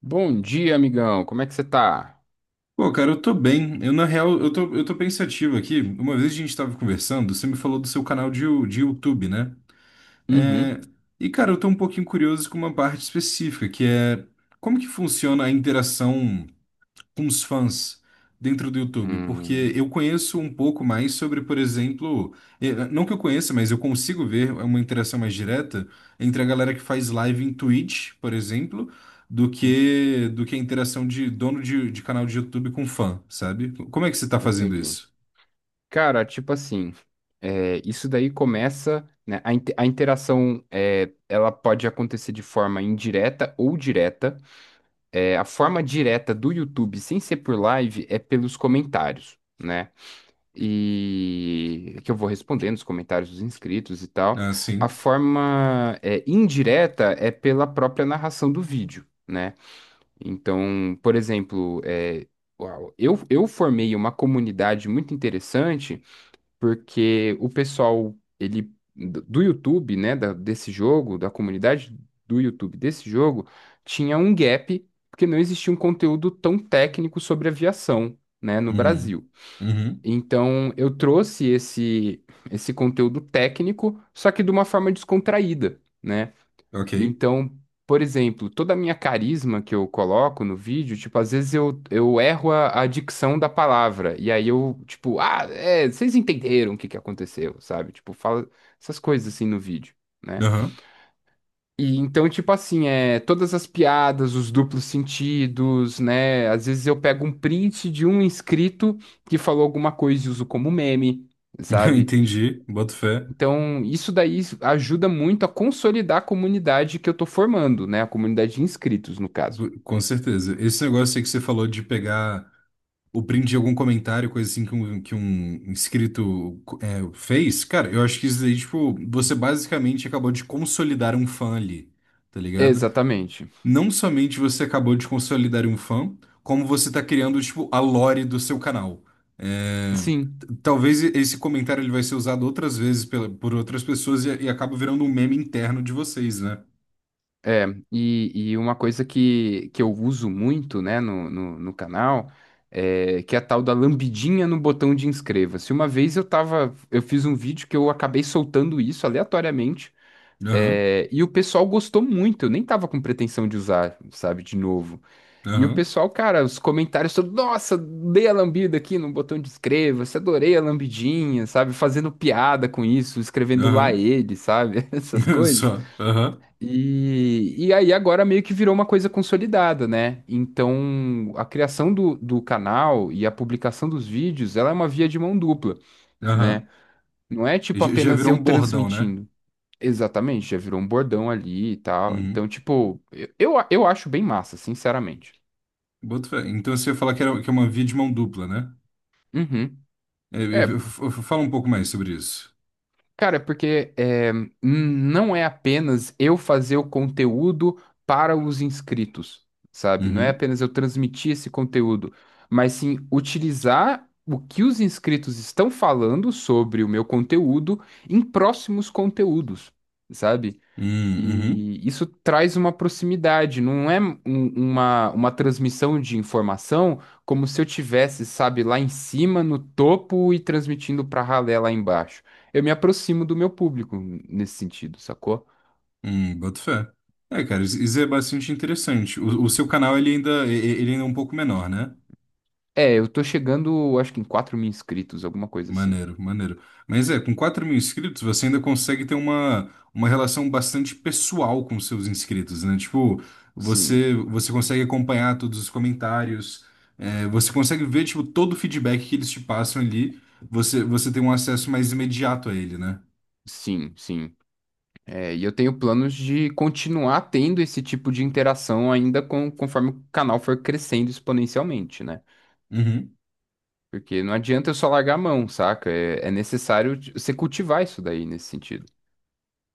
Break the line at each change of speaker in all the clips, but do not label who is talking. Bom dia, amigão. Como é que você tá?
Pô, cara, eu tô bem. Eu, na real, eu tô pensativo aqui. Uma vez a gente tava conversando, você me falou do seu canal de YouTube, né?
Uhum.
É. E, cara, eu tô um pouquinho curioso com uma parte específica, que é como que funciona a interação com os fãs dentro do YouTube, porque
Hum,
eu conheço um pouco mais sobre, por exemplo, não que eu conheça, mas eu consigo ver uma interação mais direta entre a galera que faz live em Twitch, por exemplo, do que a interação de dono de canal de YouTube com fã, sabe? Como é que você tá fazendo
entendi.
isso?
Cara, tipo assim, isso daí começa, né? A interação, ela pode acontecer de forma indireta ou direta. A forma direta do YouTube, sem ser por live, é pelos comentários, né? E é que eu vou respondendo os comentários dos inscritos e tal.
Ah,
A
sim.
forma, indireta é pela própria narração do vídeo, né? Então, por exemplo, uau, eu formei uma comunidade muito interessante porque o pessoal ele do YouTube, né, desse jogo, da comunidade do YouTube desse jogo, tinha um gap porque não existia um conteúdo tão técnico sobre aviação, né, no
Hum.
Brasil.
Uhum.
Então, eu trouxe esse conteúdo técnico, só que de uma forma descontraída, né?
Ok.
Então, por exemplo, toda a minha carisma que eu coloco no vídeo, tipo, às vezes eu erro a dicção da palavra. E aí eu, tipo, ah, é, vocês entenderam o que que aconteceu, sabe? Tipo, fala essas coisas assim no vídeo, né?
Aham.
E então, tipo assim, todas as piadas, os duplos sentidos, né? Às vezes eu pego um print de um inscrito que falou alguma coisa e uso como meme, sabe?
Entendi. Boto fé.
Então, isso daí ajuda muito a consolidar a comunidade que eu estou formando, né? A comunidade de inscritos, no caso.
Com certeza. Esse negócio aí que você falou de pegar o print de algum comentário, coisa assim que um inscrito fez, cara, eu acho que isso daí, tipo, você basicamente acabou de consolidar um fã ali, tá ligado?
Exatamente.
Não somente você acabou de consolidar um fã, como você tá criando, tipo, a lore do seu canal. É,
Sim.
talvez esse comentário ele vai ser usado outras vezes pela, por outras pessoas e acaba virando um meme interno de vocês, né?
É, e uma coisa que eu uso muito, né, no canal, é, que é a tal da lambidinha no botão de inscreva-se. Uma vez eu tava, eu fiz um vídeo que eu acabei soltando isso aleatoriamente.
Aham,
E o pessoal gostou muito, eu nem tava com pretensão de usar, sabe, de novo. E o
aham,
pessoal, cara, os comentários todos, nossa, dei a lambida aqui no botão de inscreva-se, adorei a lambidinha, sabe, fazendo piada com isso, escrevendo lá
aham.
ele, sabe, essas coisas.
Só, aham,
E aí agora meio que virou uma coisa consolidada, né? Então a criação do canal e a publicação dos vídeos, ela é uma via de mão dupla,
aham.
né? Não é tipo
Já já
apenas
virou
eu
um bordão, né?
transmitindo. Exatamente, já virou um bordão ali e tal.
Uhum.
Então, tipo, eu acho bem massa, sinceramente.
Boto fé. Então você ia falar que, era, que é uma via de mão dupla, né?
Uhum.
É, e
É,
fala um pouco mais sobre isso.
cara, é porque é, não é apenas eu fazer o conteúdo para os inscritos, sabe? Não é
Uhum.
apenas eu transmitir esse conteúdo, mas sim utilizar o que os inscritos estão falando sobre o meu conteúdo em próximos conteúdos, sabe?
Hum, uhum.
E isso traz uma proximidade, não é uma transmissão de informação como se eu tivesse, sabe, lá em cima, no topo e transmitindo para ralé lá embaixo. Eu me aproximo do meu público nesse sentido, sacou?
Boto fé. É, cara, isso é bastante interessante. O seu canal ele ainda, ele ainda é um pouco menor, né?
É, eu tô chegando, acho que em 4.000 inscritos, alguma coisa assim.
Maneiro, maneiro. Mas é, com 4 mil inscritos, você ainda consegue ter uma relação bastante pessoal com os seus inscritos, né? Tipo,
Sim,
você consegue acompanhar todos os comentários, é, você consegue ver, tipo, todo o feedback que eles te passam ali, você tem um acesso mais imediato a ele, né?
sim, sim. É, e eu tenho planos de continuar tendo esse tipo de interação ainda com, conforme o canal for crescendo exponencialmente, né?
Uhum.
Porque não adianta eu só largar a mão, saca? É, é necessário você cultivar isso daí nesse sentido.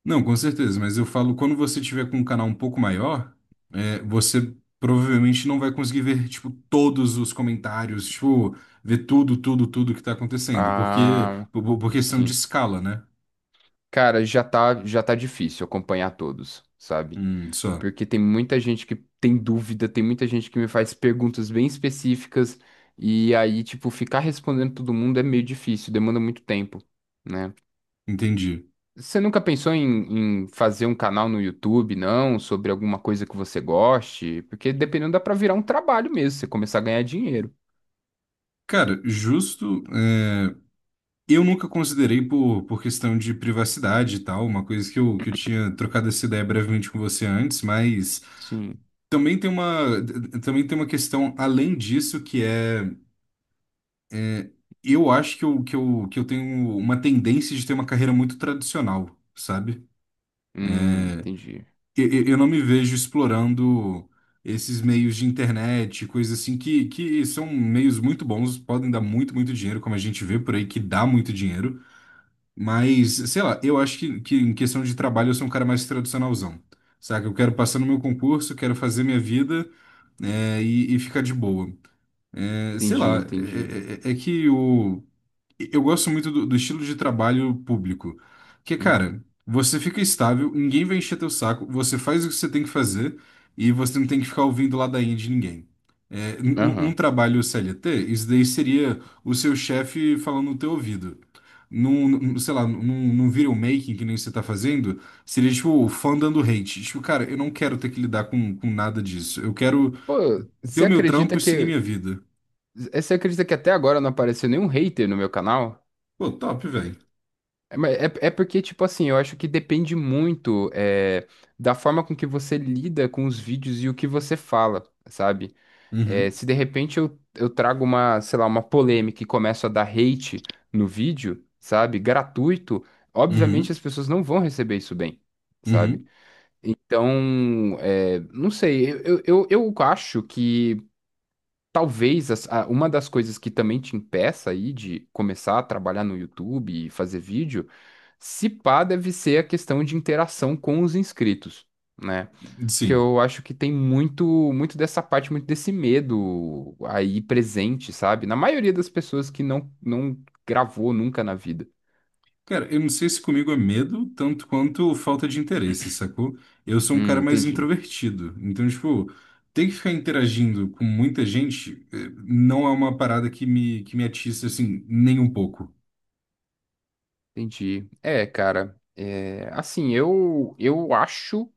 Não, com certeza, mas eu falo, quando você tiver com um canal um pouco maior, você provavelmente não vai conseguir ver, tipo, todos os comentários, tipo, ver tudo, tudo, tudo que tá acontecendo, porque,
Ah,
por questão de
sim.
escala, né?
Cara, já tá difícil acompanhar todos, sabe?
Só,
Porque tem muita gente que tem dúvida, tem muita gente que me faz perguntas bem específicas, e aí, tipo, ficar respondendo todo mundo é meio difícil, demanda muito tempo, né?
entendi.
Você nunca pensou em, em fazer um canal no YouTube, não? Sobre alguma coisa que você goste? Porque dependendo, dá pra virar um trabalho mesmo, você começar a ganhar dinheiro.
Cara, justo, eu nunca considerei por questão de privacidade e tal, uma coisa que eu tinha trocado essa ideia brevemente com você antes, mas
Sim.
também tem uma, também tem uma questão além disso que é eu acho que eu tenho uma tendência de ter uma carreira muito tradicional, sabe?
Entendi.
Eu não me vejo explorando esses meios de internet, coisas assim, que são meios muito bons, podem dar muito, muito dinheiro, como a gente vê por aí, que dá muito dinheiro. Mas, sei lá, eu acho que em questão de trabalho eu sou um cara mais tradicionalzão, saca? Eu quero passar no meu concurso, quero fazer minha vida, e ficar de boa. É, sei
Entendi,
lá,
entendi.
é, é é é que o. Eu gosto muito do estilo de trabalho público, que,
Uhum.
cara, você fica estável, ninguém vai encher teu saco, você faz o que você tem que fazer e você não tem que ficar ouvindo ladainha de ninguém. É, num
Aham.
trabalho CLT, isso daí seria o seu chefe falando no teu ouvido. Sei lá, num video making que nem você tá fazendo, seria tipo o fã dando hate. Tipo, cara, eu não quero ter que lidar com nada disso. Eu quero
Pô,
ter
você
o meu trampo
acredita
e seguir
que.
minha vida.
Eh, Você acredita que até agora não apareceu nenhum hater no meu canal?
Pô, top, velho.
É, mas é porque, tipo assim, eu acho que depende muito é, da forma com que você lida com os vídeos e o que você fala, sabe? É,
Uhum,
se de repente eu trago uma, sei lá, uma polêmica e começo a dar hate no vídeo, sabe? Gratuito, obviamente
uhum,
as pessoas não vão receber isso bem, sabe?
uhum.
Então, é, não sei, eu acho que talvez uma das coisas que também te impeça aí de começar a trabalhar no YouTube e fazer vídeo, se pá, deve ser a questão de interação com os inscritos, né? Porque
Sim.
eu acho que tem muito dessa parte, muito desse medo aí presente, sabe? Na maioria das pessoas que não gravou nunca na vida.
Cara, eu não sei se comigo é medo tanto quanto falta de interesse, sacou? Eu sou um cara mais
Entendi,
introvertido. Então, tipo, ter que ficar interagindo com muita gente não é uma parada que me atiça, assim, nem um pouco.
entendi. É, cara, é, assim, eu, eu acho.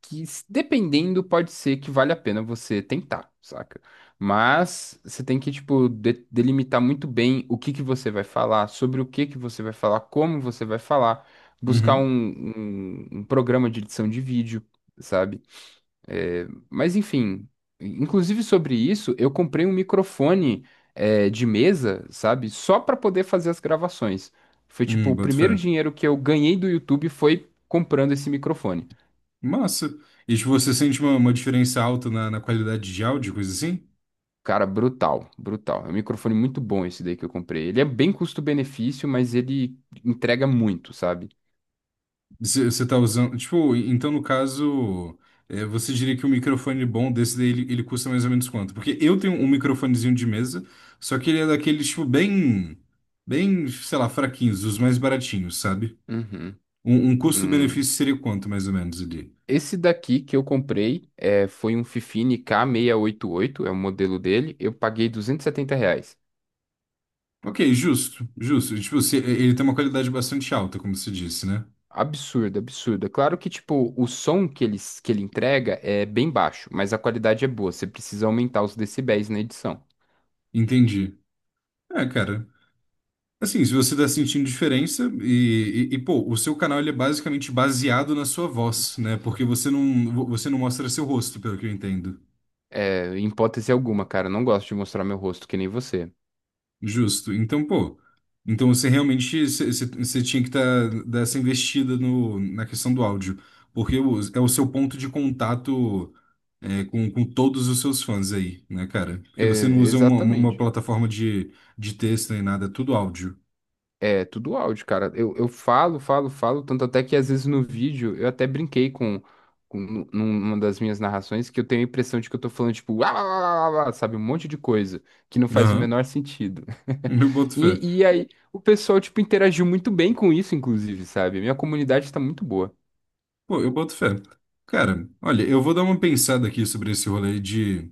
que, s- dependendo, pode ser que vale a pena você tentar, saca? Mas você tem que, tipo, delimitar muito bem o que que você vai falar, sobre o que que você vai falar, como você vai falar, buscar um,
Uhum.
um, um programa de edição de vídeo, sabe? É, mas, enfim, inclusive sobre isso, eu comprei um microfone, é, de mesa, sabe? Só para poder fazer as gravações. Foi, tipo, o
Boto fé.
primeiro dinheiro que eu ganhei do YouTube foi comprando esse microfone.
Massa. E, tipo, você sente uma, diferença alta na qualidade de áudio, coisa assim?
Cara, brutal, brutal. É um microfone muito bom esse daí que eu comprei. Ele é bem custo-benefício, mas ele entrega muito, sabe?
Você tá usando. Tipo, então no caso, você diria que um microfone bom desse daí ele custa mais ou menos quanto? Porque eu tenho um microfonezinho de mesa, só que ele é daqueles, tipo, bem. Bem, sei lá, fraquinhos, os mais baratinhos, sabe?
Uhum.
Um
Hum.
custo-benefício seria quanto, mais ou menos, ali?
Esse daqui que eu comprei é, foi um Fifine K688, é o modelo dele. Eu paguei R$ 270.
Ok, justo, justo. Tipo, se, ele tem uma qualidade bastante alta, como você disse, né?
Absurdo, absurdo. É claro que, tipo, o som que ele entrega é bem baixo, mas a qualidade é boa. Você precisa aumentar os decibéis na edição.
Entendi. É, cara. Assim, se você tá sentindo diferença e, pô, o seu canal ele é basicamente baseado na sua voz, né? Porque você não mostra seu rosto, pelo que eu entendo.
É, em hipótese alguma, cara, eu não gosto de mostrar meu rosto que nem você.
Justo. Então, pô, então você realmente você você- você tinha que tá, dar essa investida no, na questão do áudio, porque é o seu ponto de contato com todos os seus fãs aí, né, cara? Porque você não
É,
usa uma, uma
exatamente.
plataforma de texto nem nada, é tudo áudio.
É, tudo áudio, cara. Eu, falo, falo, tanto até que às vezes no vídeo eu até brinquei com numa das minhas narrações que eu tenho a impressão de que eu tô falando, tipo, "Uá, uá, uá, uá, uá", sabe, um monte de coisa que não faz o
Aham,
menor sentido.
Eu boto fé.
E aí o pessoal, tipo, interagiu muito bem com isso, inclusive, sabe? Minha comunidade tá muito boa.
Pô, eu boto fé. Cara, olha, eu vou dar uma pensada aqui sobre esse rolê de,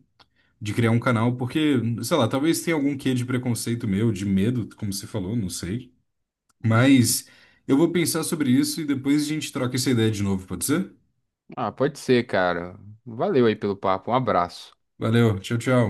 de criar um canal, porque, sei lá, talvez tenha algum quê de preconceito meu, de medo, como você falou, não sei.
Uhum.
Mas eu vou pensar sobre isso e depois a gente troca essa ideia de novo, pode ser?
Ah, pode ser, cara. Valeu aí pelo papo. Um abraço.
Valeu, tchau, tchau.